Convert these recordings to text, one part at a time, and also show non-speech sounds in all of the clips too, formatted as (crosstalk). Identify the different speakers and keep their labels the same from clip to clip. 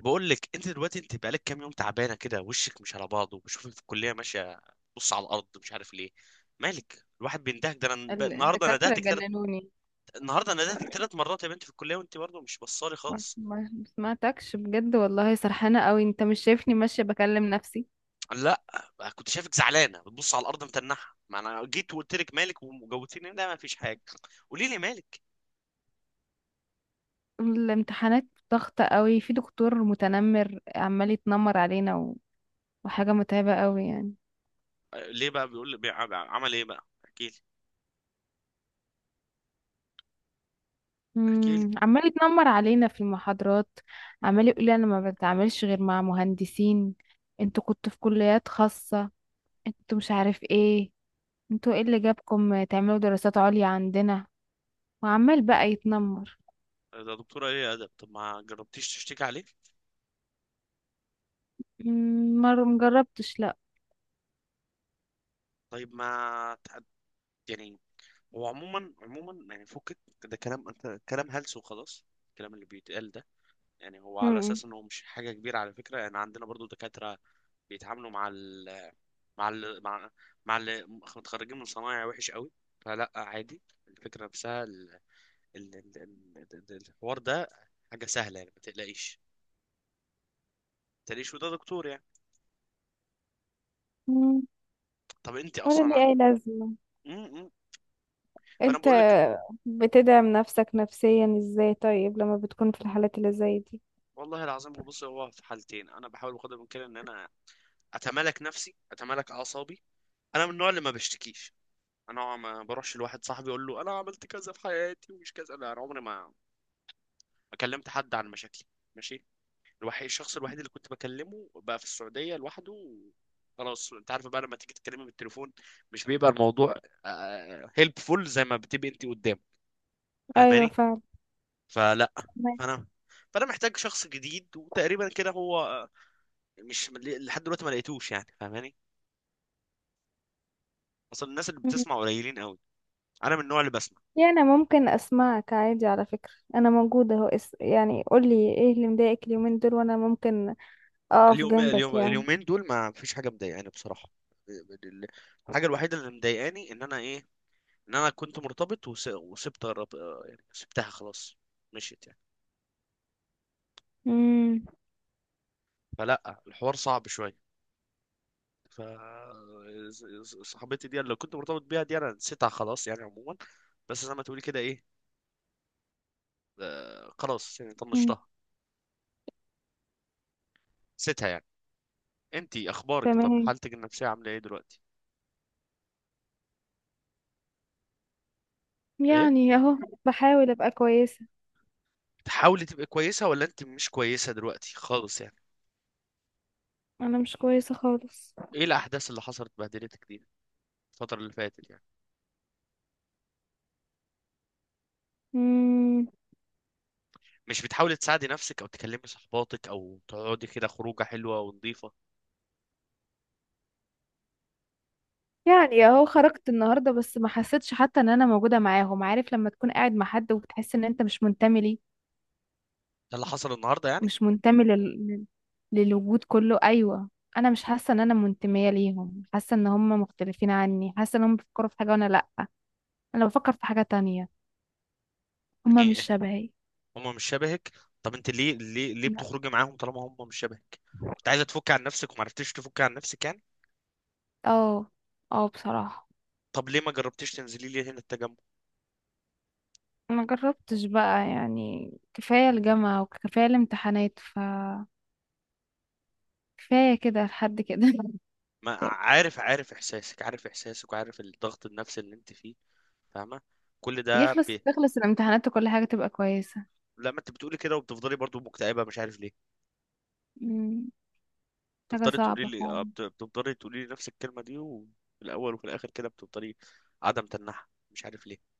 Speaker 1: بقول لك، انت دلوقتي بقالك كام يوم تعبانه كده، وشك مش على بعضه، وبشوفك في الكليه ماشيه، بص على الارض، مش عارف ليه. مالك؟ الواحد بيندهك. ده انا
Speaker 2: الدكاترة جننوني.
Speaker 1: النهارده ندهتك 3 مرات يا بنت في الكليه، وانت برضه مش بصالي خالص.
Speaker 2: ما سمعتكش، بجد والله، سرحانة قوي. انت مش شايفني ماشية بكلم نفسي؟
Speaker 1: لا، كنت شايفك زعلانه بتبص على الارض متنحه، ما انا جيت وقلت لك مالك وجوتيني، لا ما فيش حاجه. قولي لي مالك.
Speaker 2: الامتحانات. ضغطة قوي، في دكتور متنمر عمال يتنمر علينا وحاجة متعبة قوي يعني.
Speaker 1: آه، ليه بقى بيقول لي، عمل ايه بقى؟ احكي لي، احكي لي.
Speaker 2: عمال يتنمر علينا في المحاضرات. عمال يقول لي انا ما بتعاملش غير مع مهندسين، انتوا كنتوا في كليات خاصة، انتوا مش عارف ايه، انتوا ايه اللي جابكم تعملوا دراسات عليا عندنا؟ وعمال بقى يتنمر.
Speaker 1: ده دكتوره ايه يا ادب؟ طب ما جربتيش تشتكي عليه؟
Speaker 2: مرة مجربتش، لا.
Speaker 1: طيب ما تح- يعني هو عموما عموما يعني فكك، ده كلام، انت كلام هلس، وخلاص الكلام اللي بيتقال ده. يعني هو على
Speaker 2: امم
Speaker 1: اساس انه مش حاجه كبيره، على فكره، يعني عندنا برضو دكاتره بيتعاملوا مع ال مع ال مع مع اللي متخرجين من صنايع وحش قوي. فلا عادي. الفكره نفسها ال ال ال ال ال الحوار ده حاجه سهله، يعني ما تقلقيش. ما تقلقيش، وده دكتور يعني.
Speaker 2: مم،
Speaker 1: طب انت
Speaker 2: ولا
Speaker 1: اصلا
Speaker 2: ليه
Speaker 1: ع-
Speaker 2: أي لازمة؟
Speaker 1: م- م. فانا
Speaker 2: انت
Speaker 1: بقول لك،
Speaker 2: بتدعم نفسك نفسيا ازاي طيب لما بتكون في الحالات اللي زي دي؟
Speaker 1: والله العظيم، هو في حالتين. انا بحاول بقدر الامكان ان انا اتمالك نفسي، اتمالك اعصابي. انا من النوع اللي ما بشتكيش. انا ما بروحش لواحد صاحبي اقول له انا عملت كذا في حياتي ومش كذا، لا، انا عمري ما كلمت حد عن مشاكلي. ماشي. الشخص الوحيد اللي كنت بكلمه بقى في السعوديه لوحده خلاص، انت عارف بقى، لما تيجي تتكلمي بالتليفون مش بيبقى الموضوع هيلبفول زي ما بتبقي انت قدام،
Speaker 2: ايوه
Speaker 1: فاهماني؟
Speaker 2: فعلا.
Speaker 1: فلا.
Speaker 2: تمام.
Speaker 1: فانا فانا محتاج شخص جديد، وتقريبا كده هو، مش لحد دلوقتي ما لقيتوش، يعني فاهماني. اصل الناس اللي
Speaker 2: مم.
Speaker 1: بتسمع قليلين قوي. انا من النوع اللي بسمع.
Speaker 2: يعني ممكن اسمعك عادي، على فكرة انا موجودة اهو يعني قولي ايه اللي مضايقك اليومين دول وانا ممكن اقف
Speaker 1: اليوم
Speaker 2: جنبك
Speaker 1: اليوم
Speaker 2: يعني.
Speaker 1: اليومين دول ما فيش حاجه مضايقاني بصراحه. ال- الحاجه الوحيده اللي مضايقاني ان انا ايه، ان انا كنت مرتبط، وسبت الرب... آه، يعني سبتها خلاص، مشيت يعني.
Speaker 2: امم
Speaker 1: فلا الحوار صعب شويه. ف صاحبتي دي اللي كنت مرتبط بيها دي انا نسيتها خلاص، يعني عموما، بس زي ما تقولي كده ايه، خلاص يعني
Speaker 2: مم.
Speaker 1: طنشتها، نسيتها يعني. انتي اخبارك؟ طب
Speaker 2: تمام.
Speaker 1: حالتك النفسيه عامله ايه دلوقتي؟ ايه،
Speaker 2: يعني اهو بحاول ابقى كويسة.
Speaker 1: بتحاولي تبقي كويسه، ولا انت مش كويسه دلوقتي خالص يعني؟
Speaker 2: انا مش كويسة خالص.
Speaker 1: ايه الاحداث اللي حصلت بهدلتك دي الفترة اللي فاتت يعني؟
Speaker 2: امم
Speaker 1: مش بتحاولي تساعدي نفسك او تكلمي صحباتك او تقعدي كده خروجة حلوة ونظيفة؟
Speaker 2: يعني اهو خرجت النهارده، بس ما حسيتش حتى ان انا موجوده معاهم. عارف لما تكون قاعد مع حد وبتحس ان انت مش منتمي ليه؟
Speaker 1: ده اللي حصل النهاردة يعني؟
Speaker 2: مش منتمي لل... لل- للوجود كله، ايوه. انا مش حاسه ان انا منتميه ليهم، حاسه ان هم مختلفين عني، حاسه ان هم بيفكروا في حاجه وانا لا. انا بفكر في حاجه تانية. هم مش
Speaker 1: يعني
Speaker 2: شبهي.
Speaker 1: هم مش شبهك. طب انت ليه
Speaker 2: لا.
Speaker 1: بتخرجي معاهم طالما هم مش شبهك؟ كنت عايزة تفكي عن نفسك ومعرفتيش تفكي عن نفسك يعني.
Speaker 2: اه، اه بصراحه.
Speaker 1: طب ليه ما جربتيش تنزلي لي هنا التجمع؟
Speaker 2: ما جربتش بقى، يعني كفايه الجامعه وكفايه الامتحانات ف كفايه كده لحد كده (laughs)
Speaker 1: ما
Speaker 2: كفاية.
Speaker 1: عارف، عارف احساسك وعارف الضغط النفسي اللي انت فيه، فاهمة. كل ده
Speaker 2: تخلص الامتحانات وكل حاجه تبقى كويسه.
Speaker 1: لما انت بتقولي كده وبتفضلي برضو مكتئبة، مش عارف ليه.
Speaker 2: مم. حاجة
Speaker 1: تفضلي تقولي
Speaker 2: صعبة
Speaker 1: لي
Speaker 2: فعلا.
Speaker 1: بتفضلي تقولي لي نفس الكلمه دي، وفي الاول وفي الاخر كده بتفضلي عدم تنحى، مش عارف ليه.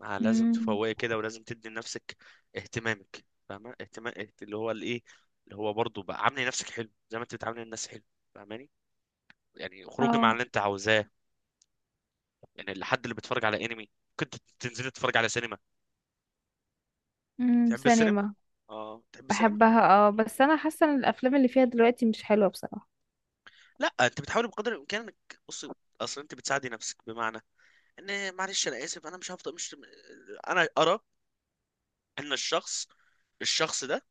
Speaker 1: ما لازم
Speaker 2: مم.
Speaker 1: تفوقي كده، ولازم تدي لنفسك اهتمامك، فاهمه؟ اهتمام، اللي هو الايه، اللي هو برضه بقى، عاملي نفسك حلو زي ما انت بتعاملي الناس حلو، فاهماني؟ يعني خروجي مع
Speaker 2: اه.
Speaker 1: اللي انت عاوزاه. يعني الحد اللي بيتفرج على انمي، كنت تنزلي تتفرج على سينما.
Speaker 2: مم.
Speaker 1: تحب السينما،
Speaker 2: سينما.
Speaker 1: اه، تحب السينما.
Speaker 2: بحبها، اه، بس انا حاسة ان الافلام اللي فيها دلوقتي مش حلوة بصراحة.
Speaker 1: لا، انت بتحاولي بقدر الامكان انك بصي، اصل انت بتساعدي نفسك بمعنى ان، معلش، انا اسف، انا مش هفضل مش انا ارى ان الشخص الشخص ده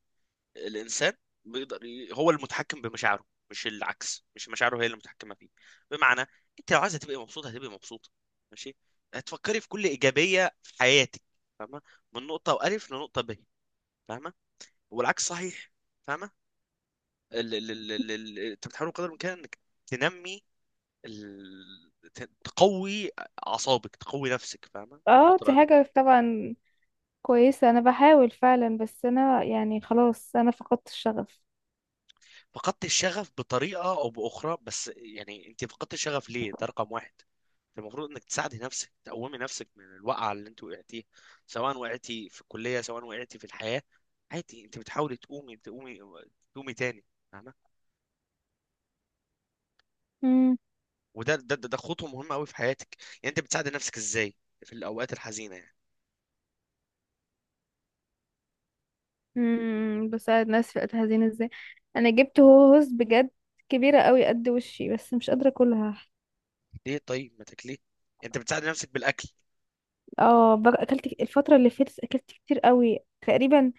Speaker 1: الانسان بيقدر هو المتحكم بمشاعره، مش العكس، مش مشاعره هي اللي متحكمه فيه. بمعنى، انت لو عايزه تبقي مبسوطه هتبقي مبسوطه. ماشي، هتفكري في كل ايجابيه في حياتك، فاهمه، من نقطه والف لنقطه ب، فاهمه، والعكس صحيح، فاهمه. انت بتحاول قدر الامكان انك تنمي، تقوي اعصابك، تقوي نفسك، فاهمه، في
Speaker 2: اه،
Speaker 1: الفتره
Speaker 2: دي
Speaker 1: دي.
Speaker 2: حاجة طبعا كويسة، انا بحاول فعلا، بس انا يعني خلاص انا فقدت الشغف.
Speaker 1: فقدت الشغف بطريقة أو بأخرى، بس يعني أنت فقدت الشغف ليه، ده رقم واحد. أنت المفروض إنك تساعدي نفسك، تقومي نفسك من الوقعة اللي أنت وقعتيها، سواء وقعتي في الكلية سواء وقعتي في الحياة، عادي، أنت بتحاولي تقومي، تقومي، تقومي تاني، فاهمة. وده ده ده ده خطوة مهمة أوي في حياتك. يعني أنت بتساعدي نفسك إزاي في الأوقات الحزينة يعني؟
Speaker 2: بساعد ناس في وقت حزين ازاي؟ انا جبت هوز بجد كبيره قوي قد وشي، بس مش قادره اكلها.
Speaker 1: ليه؟ طيب ما تاكليه. أنت بتساعدي نفسك بالأكل،
Speaker 2: اكلت الفتره اللي فاتت اكلت كتير قوي تقريبا.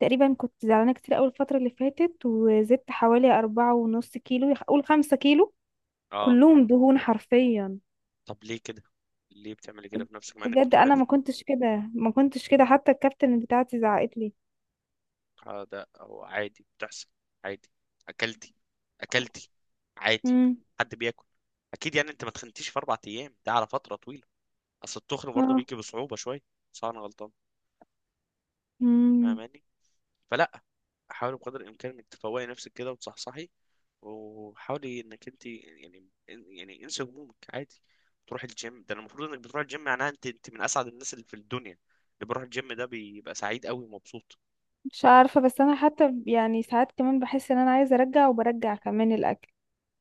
Speaker 2: تقريبا كنت زعلانه كتير قوي الفتره اللي فاتت، وزدت حوالي 4.5 كيلو، قول 5 كيلو.
Speaker 1: اه.
Speaker 2: كلهم دهون حرفيا.
Speaker 1: طب ليه كده؟ ليه بتعملي كده
Speaker 2: ب-
Speaker 1: في نفسك، مع انك
Speaker 2: بجد
Speaker 1: بتروحي؟
Speaker 2: انا ما كنتش كده، ما كنتش كده، حتى الكابتن بتاعتي زعقت لي.
Speaker 1: آه، ده هو عادي، بتحصل عادي. اكلتي، اكلتي، عادي،
Speaker 2: امم
Speaker 1: حد بياكل. اكيد يعني انت ما تخنتيش في 4 ايام، ده على فتره طويله. اصل التخن برضه
Speaker 2: اه.
Speaker 1: بيجي بصعوبه شويه. صح، انا غلطان.
Speaker 2: امم
Speaker 1: فاهماني؟ فلا، حاولي بقدر الامكان انك تفوقي نفسك كده وتصحصحي، وحاولي انك انت يعني، انسي همومك عادي، تروحي الجيم. ده المفروض انك بتروحي الجيم، معناها انت من اسعد الناس اللي في الدنيا. اللي بيروح الجيم ده بيبقى سعيد قوي ومبسوط.
Speaker 2: مش عارفة، بس أنا حتى يعني ساعات كمان بحس إن أنا عايزة أرجع، وبرجع كمان الأكل.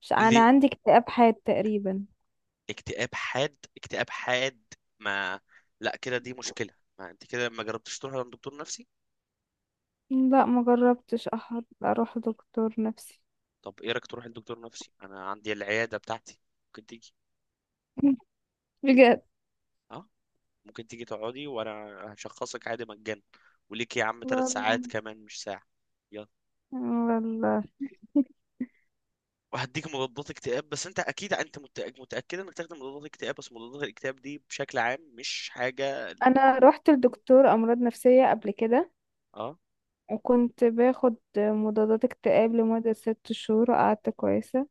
Speaker 2: مش
Speaker 1: اللي
Speaker 2: أنا عندي اكتئاب حاد تقريبا.
Speaker 1: اكتئاب حاد، اكتئاب حاد. ما لا، كده دي مشكلة. ما انت كده ما جربتش تروح عند دكتور نفسي؟
Speaker 2: لا ما جربتش أحد أروح دكتور نفسي.
Speaker 1: طب ايه رايك تروح لدكتور نفسي؟ انا عندي العيادة بتاعتي، ممكن تيجي.
Speaker 2: (laughs) بجد،
Speaker 1: اه، ممكن تيجي تقعدي وانا هشخصك عادي مجانا. وليك يا عم ثلاث
Speaker 2: والله
Speaker 1: ساعات كمان، مش ساعة. يلا.
Speaker 2: والله.
Speaker 1: وهديك مضادات اكتئاب، بس انت اكيد، انت متأكد، متأكد انك تاخد مضادات اكتئاب؟ بس مضادات الاكتئاب دي بشكل عام مش حاجة.
Speaker 2: أنا رحت لدكتور أمراض نفسية قبل كده،
Speaker 1: اه.
Speaker 2: وكنت باخد مضادات اكتئاب لمدة 6 شهور وقعدت كويسة.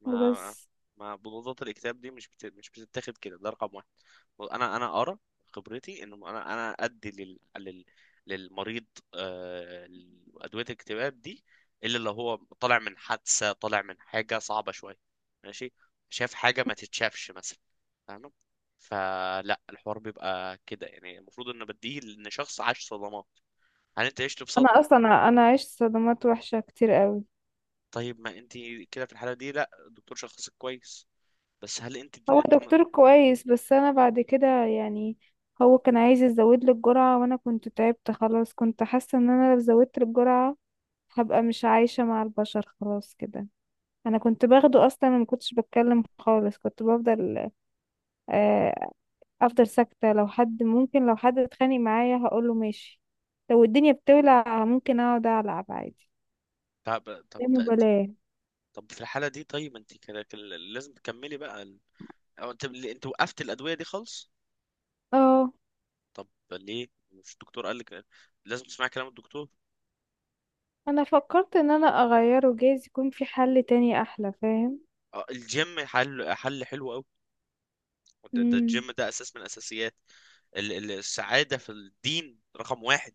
Speaker 1: ما
Speaker 2: وبس.
Speaker 1: ما بطولات الاكتاب دي مش بتتاخد كده، ده رقم واحد. انا ارى، خبرتي، ان انا ادي للمريض آه... ادويه الاكتئاب دي الا لو هو طالع من حادثه، طالع من حاجه صعبه شويه، ماشي، شاف حاجه ما تتشافش مثلا، فاهم؟ فلا الحوار بيبقى كده، يعني المفروض ان بديه ان شخص عاش صدمات. هل انت عشت في
Speaker 2: أنا
Speaker 1: صدمه؟
Speaker 2: أصلا، أنا عشت صدمات وحشة كتير قوي.
Speaker 1: طيب ما انت كده في الحاله دي، لا، الدكتور شخصك كويس، بس هل انت؟
Speaker 2: هو دكتور كويس بس انا بعد كده يعني، هو كان عايز يزود لي الجرعة وانا كنت تعبت خلاص، كنت حاسة ان انا لو زودت الجرعة هبقى مش عايشة مع البشر خلاص كده. انا كنت باخده اصلا ما كنتش بتكلم خالص، كنت بفضل آه، افضل ساكتة. لو حد ممكن، لو حد اتخانق معايا هقوله ماشي، لو الدنيا بتولع ممكن اقعد العب عادي.
Speaker 1: طب، طب
Speaker 2: لا
Speaker 1: ده انت،
Speaker 2: مبالاة.
Speaker 1: طب في الحالة دي، طيب انت كده كده لازم تكملي بقى او انت وقفت الأدوية دي خالص؟
Speaker 2: اه،
Speaker 1: طب ليه؟ مش الدكتور قال لك لازم تسمعي كلام الدكتور؟
Speaker 2: انا فكرت ان انا اغيره، جايز يكون في حل تاني احلى، فاهم؟
Speaker 1: اه، الجيم حل، حل حلو قوي. ده, ده
Speaker 2: مم.
Speaker 1: الجيم ده اساس من اساسيات السعادة. في الدين، رقم واحد.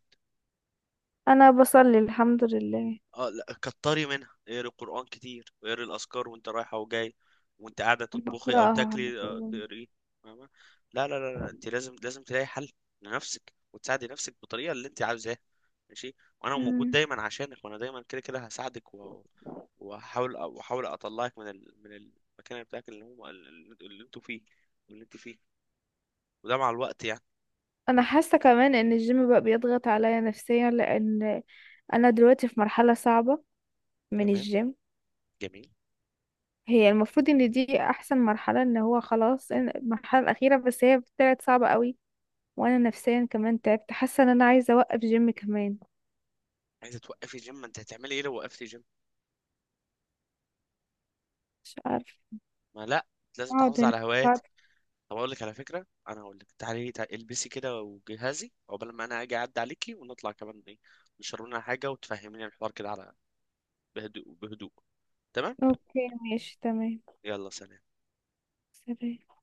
Speaker 2: انا بصلي الحمد لله،
Speaker 1: اه، لا كتري منها، اقري القرآن كتير، واقري الأذكار وانت رايحة وجاي، وانت قاعدة تطبخي أو
Speaker 2: بقراها على
Speaker 1: تاكلي
Speaker 2: طول.
Speaker 1: تقري. فاهمة؟ لا لا لا لا، انت لازم، تلاقي حل لنفسك، وتساعدي نفسك بالطريقة اللي انت عاوزاها. ماشي. وانا موجود
Speaker 2: مم.
Speaker 1: دايما عشانك، وانا دايما كده كده هساعدك وأحاول أطلعك من من المكان بتاعك اللي هو اللي انتوا فيه واللي انت فيه، وده مع الوقت يعني.
Speaker 2: انا حاسه كمان ان الجيم بقى بيضغط عليا نفسيا، لان انا دلوقتي في مرحله صعبه من
Speaker 1: تمام،
Speaker 2: الجيم.
Speaker 1: جميل.
Speaker 2: هي المفروض ان دي احسن مرحله، ان هو خلاص المرحله الاخيره، بس هي طلعت صعبه قوي، وانا نفسيا كمان تعبت، حاسه ان انا عايزه اوقف جيم كمان.
Speaker 1: عايزة توقفي جيم؟ ما انت هتعملي ايه لو وقفتي جيم؟
Speaker 2: مش عارفه.
Speaker 1: ما لا، لازم
Speaker 2: اقعد
Speaker 1: تحافظي
Speaker 2: هنا.
Speaker 1: على
Speaker 2: أقعد.
Speaker 1: هواياتك. طب اقول لك على فكره، انا هقول لك تعالي، تعالي البسي كده وجهازي عقبال ما انا اجي اعدي عليكي، ونطلع كمان ايه، نشرب لنا حاجه وتفهميني الحوار كده على، بهدوء، بهدوء. تمام.
Speaker 2: اوكي، ماشي تمام.
Speaker 1: يلا، سلام.
Speaker 2: سلام.